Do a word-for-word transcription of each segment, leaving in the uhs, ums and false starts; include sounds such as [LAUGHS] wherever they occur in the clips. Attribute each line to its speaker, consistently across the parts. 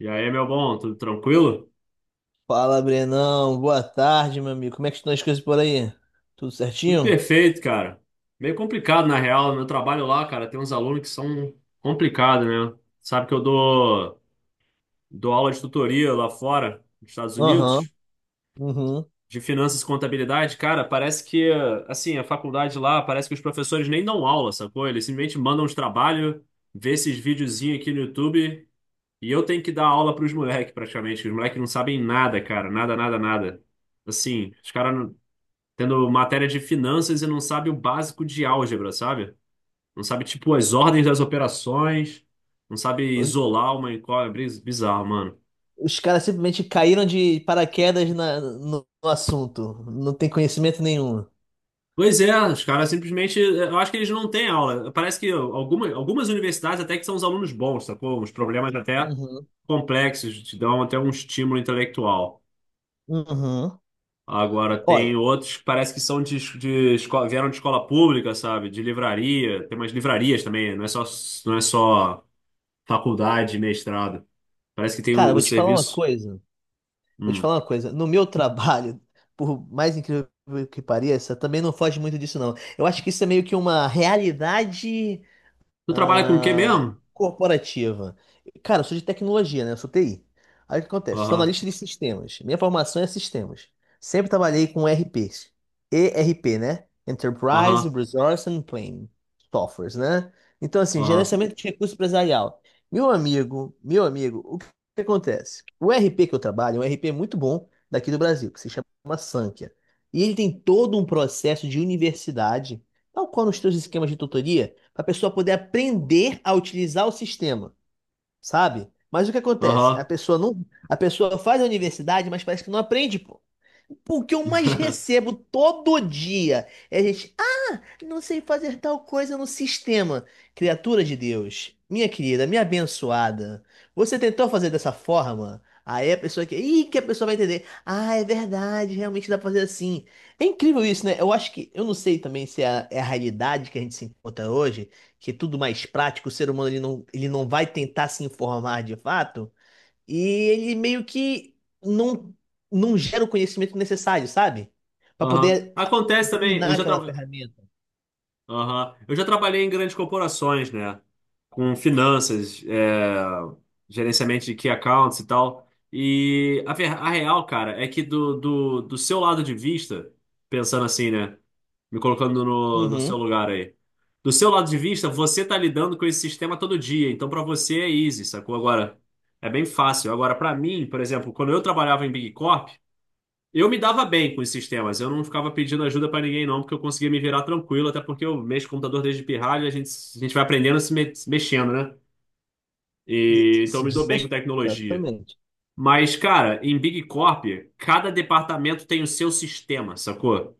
Speaker 1: E aí, meu bom, tudo tranquilo?
Speaker 2: Fala, Brenão. Boa tarde, meu amigo. Como é que estão as coisas por aí? Tudo
Speaker 1: Tudo
Speaker 2: certinho?
Speaker 1: perfeito, cara. Meio complicado, na real. Meu trabalho lá, cara, tem uns alunos que são complicados, né? Sabe que eu dou, dou aula de tutoria lá fora, nos Estados
Speaker 2: Aham.
Speaker 1: Unidos,
Speaker 2: Uhum.
Speaker 1: de finanças e contabilidade. Cara, parece que, assim, a faculdade lá, parece que os professores nem dão aula, sacou? Eles simplesmente mandam os trabalhos, vê esses videozinhos aqui no YouTube, e eu tenho que dar aula pros moleques, praticamente. Os moleques não sabem nada, cara. Nada, nada, nada. Assim, os caras tendo matéria de finanças e não sabe o básico de álgebra, sabe? Não sabe, tipo, as ordens das operações, não sabe isolar uma incógnita, é bizarro, mano.
Speaker 2: Os caras simplesmente caíram de paraquedas na- no, no assunto. Não tem conhecimento nenhum.
Speaker 1: Pois é, os caras simplesmente, eu acho que eles não têm aula. Parece que algumas, algumas universidades até que são os alunos bons, sacou? Uns problemas até
Speaker 2: Uhum.
Speaker 1: complexos, te dão até um estímulo intelectual.
Speaker 2: Uhum.
Speaker 1: Agora, tem
Speaker 2: Olha,
Speaker 1: outros que parece que são de, de escola, vieram de escola pública, sabe? De livraria, tem umas livrarias também, não é só, não é só faculdade, mestrado. Parece que tem
Speaker 2: cara,
Speaker 1: o, o
Speaker 2: vou te falar uma
Speaker 1: serviço.
Speaker 2: coisa. Vou te
Speaker 1: Hum.
Speaker 2: falar uma coisa. No meu trabalho, por mais incrível que pareça, também não foge muito disso, não. Eu acho que isso é meio que uma realidade
Speaker 1: Tu trabalha com o quê
Speaker 2: ah,
Speaker 1: mesmo?
Speaker 2: corporativa. Cara, eu sou de tecnologia, né? Eu sou T I. Aí o que acontece? Sou
Speaker 1: Aham,
Speaker 2: analista de sistemas. Minha formação é sistemas. Sempre trabalhei com E R Pês. E R P, né? Enterprise
Speaker 1: aham,
Speaker 2: Resource and Planning Softwares, né? Então, assim,
Speaker 1: aham,
Speaker 2: gerenciamento de recurso empresarial. Meu amigo, meu amigo, o que que acontece? O E R P que eu trabalho é um E R P muito bom daqui do Brasil, que se chama Sankhya. E ele tem todo um processo de universidade, tal qual nos seus esquemas de tutoria para a pessoa poder aprender a utilizar o sistema, sabe? Mas o que acontece? A
Speaker 1: aham.
Speaker 2: pessoa não, a pessoa faz a universidade, mas parece que não aprende, pô. O que eu mais
Speaker 1: [LAUGHS]
Speaker 2: recebo todo dia é a gente, ah, não sei fazer tal coisa no sistema. Criatura de Deus, minha querida, minha abençoada, você tentou fazer dessa forma? Aí a pessoa que, ih, que a pessoa vai entender. Ah, é verdade, realmente dá pra fazer assim. É incrível isso, né? Eu acho que, eu não sei também se é a, é a realidade que a gente se encontra hoje, que é tudo mais prático, o ser humano ele não, ele não vai tentar se informar de fato, e ele meio que não, não gera o conhecimento necessário, sabe? Para
Speaker 1: Aham.
Speaker 2: poder
Speaker 1: Acontece também. Eu
Speaker 2: dominar
Speaker 1: já
Speaker 2: aquela
Speaker 1: trabalho.
Speaker 2: ferramenta.
Speaker 1: Aham. Eu já trabalhei em grandes corporações, né? Com finanças, é, gerenciamento de key accounts e tal. E a, ver- a real, cara, é que do, do, do seu lado de vista, pensando assim, né? Me colocando no, no seu
Speaker 2: Uhum.
Speaker 1: lugar aí. Do seu lado de vista, você tá lidando com esse sistema todo dia. Então, pra você é easy, sacou? Agora, é bem fácil. Agora, pra mim, por exemplo, quando eu trabalhava em Big Corp, eu me dava bem com esses temas, eu não ficava pedindo ajuda pra ninguém, não, porque eu conseguia me virar tranquilo, até porque eu mexo com computador desde pirralho, a gente, a gente vai aprendendo se, me- se mexendo, né? E então eu
Speaker 2: Se
Speaker 1: me dou
Speaker 2: diz
Speaker 1: bem com tecnologia.
Speaker 2: exatamente.
Speaker 1: Mas, cara, em Big Corp, cada departamento tem o seu sistema, sacou?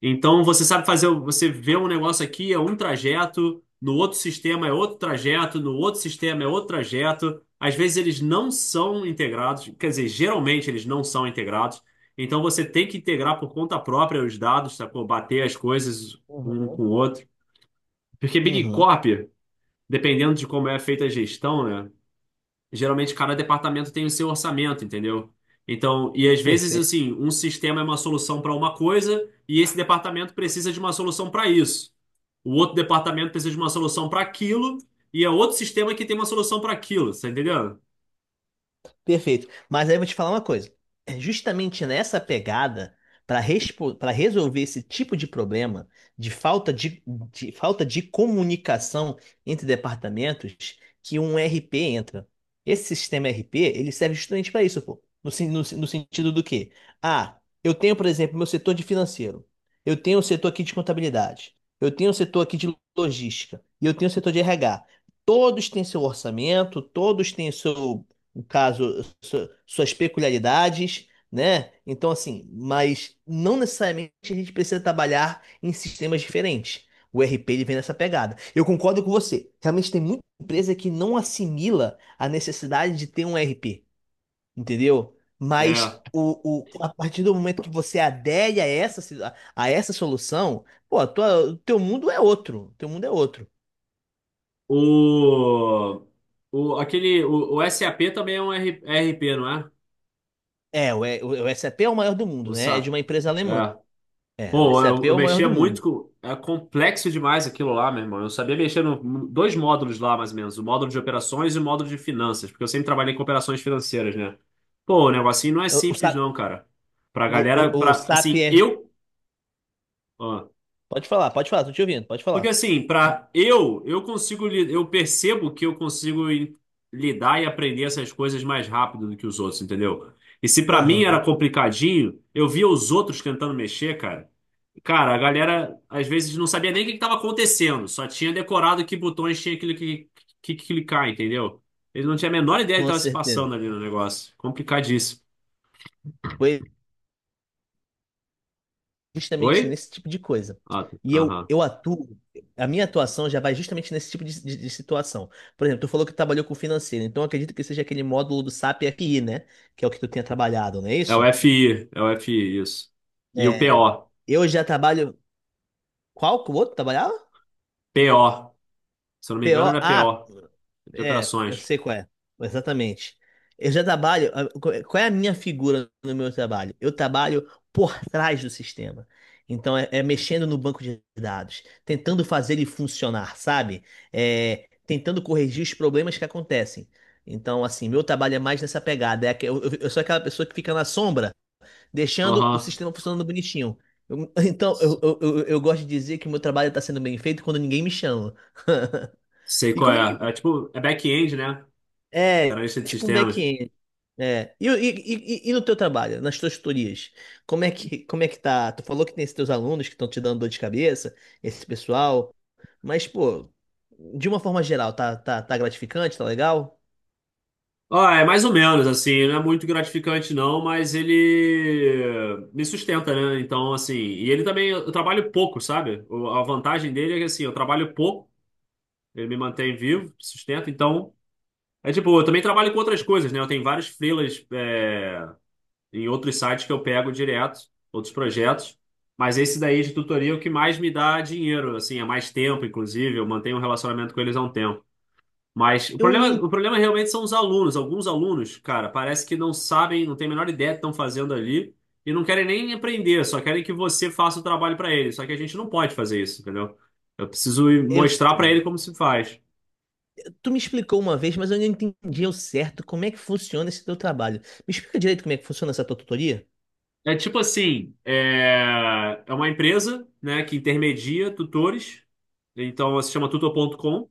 Speaker 1: Então você sabe fazer, você vê um negócio aqui, é um trajeto, no outro sistema é outro trajeto, no outro sistema é outro trajeto. Às vezes eles não são integrados, quer dizer, geralmente eles não são integrados. Então você tem que integrar por conta própria os dados, sacou? Bater as coisas um
Speaker 2: Uhum.
Speaker 1: com o outro. Porque Big
Speaker 2: Uhum.
Speaker 1: Corp, dependendo de como é feita a gestão, né? Geralmente cada departamento tem o seu orçamento, entendeu? Então, e às vezes,
Speaker 2: Perfeito.
Speaker 1: assim, um sistema é uma solução para uma coisa e esse departamento precisa de uma solução para isso. O outro departamento precisa de uma solução para aquilo e é outro sistema que tem uma solução para aquilo, tá entendendo?
Speaker 2: Perfeito. Mas aí eu vou te falar uma coisa. É justamente nessa pegada, para para resolver esse tipo de problema de falta de, de falta de comunicação entre departamentos, que um RP entra. Esse sistema RP, ele serve justamente para isso, pô. No, sen- no, no, sentido do quê? Ah, eu tenho, por exemplo, meu setor de financeiro. Eu tenho o setor aqui de contabilidade. Eu tenho o setor aqui de logística. E eu tenho o setor de R H. Todos têm seu orçamento, todos têm seu, no caso, su- suas peculiaridades, né? Então, assim, mas não necessariamente a gente precisa trabalhar em sistemas diferentes. O RP ele vem nessa pegada. Eu concordo com você. Realmente tem muita empresa que não assimila a necessidade de ter um RP, entendeu?
Speaker 1: É.
Speaker 2: Mas o, o, a partir do momento que você adere a essa, si- a a essa solução, pô, a tua, o teu mundo é outro. Teu mundo é outro.
Speaker 1: O, o, aquele, o, o SAP também é um R- RP, não é?
Speaker 2: É, o, E- o SAP é o maior do mundo,
Speaker 1: O
Speaker 2: né? É de
Speaker 1: SAP.
Speaker 2: uma empresa alemã.
Speaker 1: É.
Speaker 2: É, o
Speaker 1: Pô,
Speaker 2: SAP
Speaker 1: eu,
Speaker 2: é
Speaker 1: eu
Speaker 2: o maior
Speaker 1: mexia
Speaker 2: do mundo.
Speaker 1: muito com. É complexo demais aquilo lá, meu irmão. Eu sabia mexer no dois módulos lá, mais ou menos. O módulo de operações e o módulo de finanças, porque eu sempre trabalhei com operações financeiras, né? Pô, o negocinho não é
Speaker 2: O, o,
Speaker 1: simples,
Speaker 2: Sa-
Speaker 1: não, cara. Pra
Speaker 2: o,
Speaker 1: galera,
Speaker 2: o, o
Speaker 1: pra, assim,
Speaker 2: Sapier.
Speaker 1: eu.
Speaker 2: Pode falar, pode falar, tô te ouvindo, pode
Speaker 1: Porque
Speaker 2: falar.
Speaker 1: assim, para eu, eu consigo, li- eu percebo que eu consigo em- lidar e aprender essas coisas mais rápido do que os outros, entendeu? E se para mim era
Speaker 2: Aham.
Speaker 1: complicadinho, eu via os outros tentando mexer, cara. Cara, a galera às vezes não sabia nem o que estava acontecendo, só tinha decorado que botões tinha aquilo que, que, que clicar, entendeu? Ele não tinha a menor ideia do que
Speaker 2: Com
Speaker 1: estava se
Speaker 2: certeza.
Speaker 1: passando ali no negócio. Complicadíssimo.
Speaker 2: Foi justamente
Speaker 1: Oi?
Speaker 2: nesse tipo de coisa.
Speaker 1: Ah,
Speaker 2: E eu,
Speaker 1: aham.
Speaker 2: eu atuo, a minha atuação já vai justamente nesse tipo de, de- de situação. Por exemplo, tu falou que trabalhou com financeiro, então eu acredito que seja aquele módulo do SAP F I, né? Que é o que tu tenha trabalhado, não é
Speaker 1: É
Speaker 2: isso?
Speaker 1: o FI, é o FI, isso. E o P
Speaker 2: É.
Speaker 1: O
Speaker 2: Eu já trabalho. Qual que o outro trabalhava?
Speaker 1: P O Se eu não me engano,
Speaker 2: P O.
Speaker 1: ele é
Speaker 2: Ah,
Speaker 1: P O, de
Speaker 2: É, eu
Speaker 1: operações.
Speaker 2: sei qual é. Exatamente. Eu já trabalho. A- Qual é é a minha figura no meu trabalho? Eu trabalho por trás do sistema. Então, é, é mexendo no banco de dados, tentando fazer ele funcionar, sabe? É, tentando corrigir os problemas que acontecem. Então, assim, meu trabalho é mais nessa pegada. É, aque- eu, eu- eu sou aquela pessoa que fica na sombra, deixando o
Speaker 1: Aham.
Speaker 2: sistema funcionando bonitinho. Eu- [LAUGHS] então, eu, eu, eu, eu gosto de dizer que meu trabalho está sendo bem feito quando ninguém me chama. [LAUGHS]
Speaker 1: Sei
Speaker 2: E
Speaker 1: qual
Speaker 2: como é que
Speaker 1: é. É tipo, é back-end, né?
Speaker 2: é,
Speaker 1: Analista de
Speaker 2: tipo um
Speaker 1: sistemas.
Speaker 2: back-end. É. E, e, e, e no teu trabalho, nas tuas tutorias, como é que, como é que tá? Tu falou que tem esses teus alunos que estão te dando dor de cabeça, esse pessoal, mas, pô, de uma forma geral, tá, tá, tá gratificante, tá legal?
Speaker 1: Ah, é mais ou menos, assim, não é muito gratificante não, mas ele me sustenta, né? Então, assim, e ele também, eu trabalho pouco, sabe? O- A vantagem dele é que, assim, eu trabalho pouco, ele me mantém vivo, sustenta, então... É tipo, eu também trabalho com outras coisas, né? Eu tenho vários freelas, é, em outros sites que eu pego direto, outros projetos. Mas esse daí de tutoria é o que mais me dá dinheiro, assim, há mais tempo, inclusive. Eu mantenho um relacionamento com eles há um tempo. Mas o
Speaker 2: Eu não,
Speaker 1: problema,
Speaker 2: en-
Speaker 1: o problema realmente são os alunos. Alguns alunos, cara, parece que não sabem, não têm a menor ideia do que estão fazendo ali e não querem nem aprender, só querem que você faça o trabalho para eles. Só que a gente não pode fazer isso, entendeu? Eu preciso ir
Speaker 2: eu
Speaker 1: mostrar para ele
Speaker 2: sei.
Speaker 1: como se faz.
Speaker 2: Tu me explicou uma vez, mas eu não entendi ao certo como é que funciona esse teu trabalho. Me explica direito como é que funciona essa tua tutoria?
Speaker 1: É tipo assim, é, é uma empresa, né, que intermedia tutores, então se chama tutor ponto com,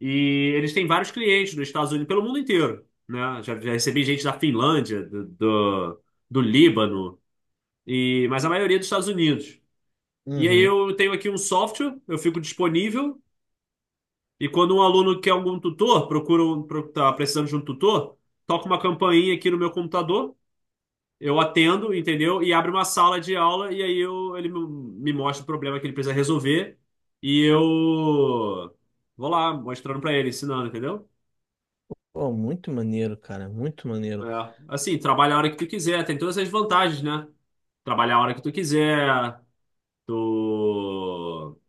Speaker 1: e eles têm vários clientes nos Estados Unidos, pelo mundo inteiro, né? Já, já recebi gente da Finlândia, do, do, do Líbano, e, mas a maioria dos Estados Unidos. E aí
Speaker 2: Uhum.
Speaker 1: eu tenho aqui um software, eu fico disponível, e quando um aluno quer algum tutor, procura um, pro- tá precisando de um tutor, toca uma campainha aqui no meu computador. Eu atendo, entendeu? E abre uma sala de aula e aí eu, ele me me mostra o problema que ele precisa resolver e eu vou lá mostrando pra ele, ensinando, entendeu?
Speaker 2: Pô, muito maneiro, cara, muito
Speaker 1: É.
Speaker 2: maneiro.
Speaker 1: Assim, trabalha a hora que tu quiser, tem todas essas vantagens, né? Trabalhar a hora que tu quiser, tu...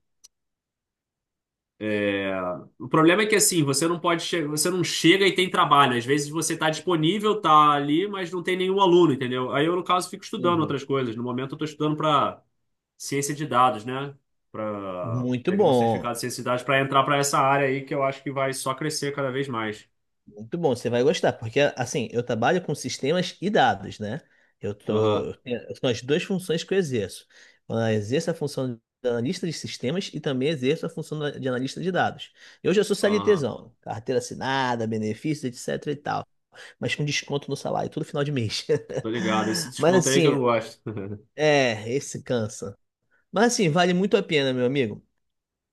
Speaker 1: é, o problema é que assim, você não pode che... você não chega e tem trabalho. Às vezes você tá disponível, tá ali, mas não tem nenhum aluno, entendeu? Aí eu, no caso, fico estudando
Speaker 2: Entendi.
Speaker 1: outras coisas. No momento eu tô estudando pra ciência de dados, né? Para
Speaker 2: Muito
Speaker 1: pegar um
Speaker 2: bom.
Speaker 1: certificado de ciência de dados para entrar para essa área aí que eu acho que vai só crescer cada vez mais.
Speaker 2: Muito bom, você vai gostar, porque assim, eu trabalho com sistemas e dados, né? Eu tô,
Speaker 1: Aham,
Speaker 2: eu tenho- são as duas funções que eu exerço. Eu exerço a função de analista de sistemas e também exerço a função da- de analista de dados. Eu já sou
Speaker 1: aham.
Speaker 2: CLTzão, carteira assinada, benefícios, etc e tal, mas com desconto no salário, todo final de mês.
Speaker 1: Tô ligado. Esse
Speaker 2: [LAUGHS] Mas
Speaker 1: desconto aí que eu
Speaker 2: assim,
Speaker 1: não gosto. [LAUGHS]
Speaker 2: é, esse cansa. Mas assim, vale muito a pena, meu amigo.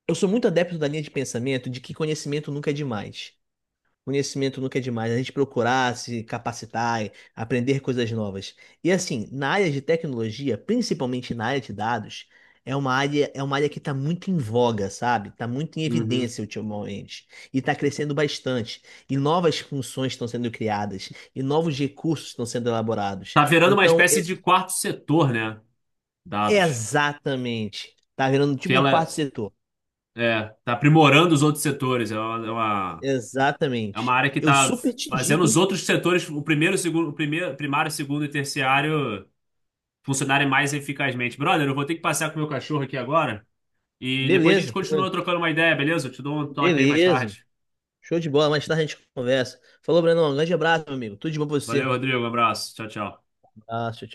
Speaker 2: Eu sou muito adepto da linha de pensamento de que conhecimento nunca é demais. Conhecimento nunca é demais, a gente procurar se capacitar, aprender coisas novas. E assim, na área de tecnologia, principalmente na área de dados, é uma área, é uma área que está muito em voga, sabe? Está muito em
Speaker 1: Uhum.
Speaker 2: evidência ultimamente. E está crescendo bastante. E novas funções estão sendo criadas. E novos recursos estão sendo elaborados.
Speaker 1: Tá virando uma
Speaker 2: Então,
Speaker 1: espécie
Speaker 2: ex-
Speaker 1: de quarto setor, né? Dados.
Speaker 2: exatamente. Tá virando
Speaker 1: Que
Speaker 2: tipo um
Speaker 1: ela
Speaker 2: quarto setor.
Speaker 1: é, tá aprimorando os outros setores. É uma, é uma, é uma
Speaker 2: Exatamente.
Speaker 1: área que
Speaker 2: Eu
Speaker 1: tá
Speaker 2: super te
Speaker 1: fazendo
Speaker 2: digo,
Speaker 1: os
Speaker 2: hein?
Speaker 1: outros setores, o primeiro, segundo, o primeiro, primário, segundo e terciário funcionarem mais eficazmente. Brother, eu vou ter que passear com o meu cachorro aqui agora. E depois a gente
Speaker 2: Beleza,
Speaker 1: continua trocando uma ideia, beleza? Eu te dou um toque aí mais
Speaker 2: beleza.
Speaker 1: tarde.
Speaker 2: Show de bola, mais tarde a gente conversa. Falou, Brenão. Um grande abraço, meu amigo. Tudo de bom pra
Speaker 1: Valeu,
Speaker 2: você.
Speaker 1: Rodrigo. Um abraço. Tchau, tchau.
Speaker 2: Abraço, tchau.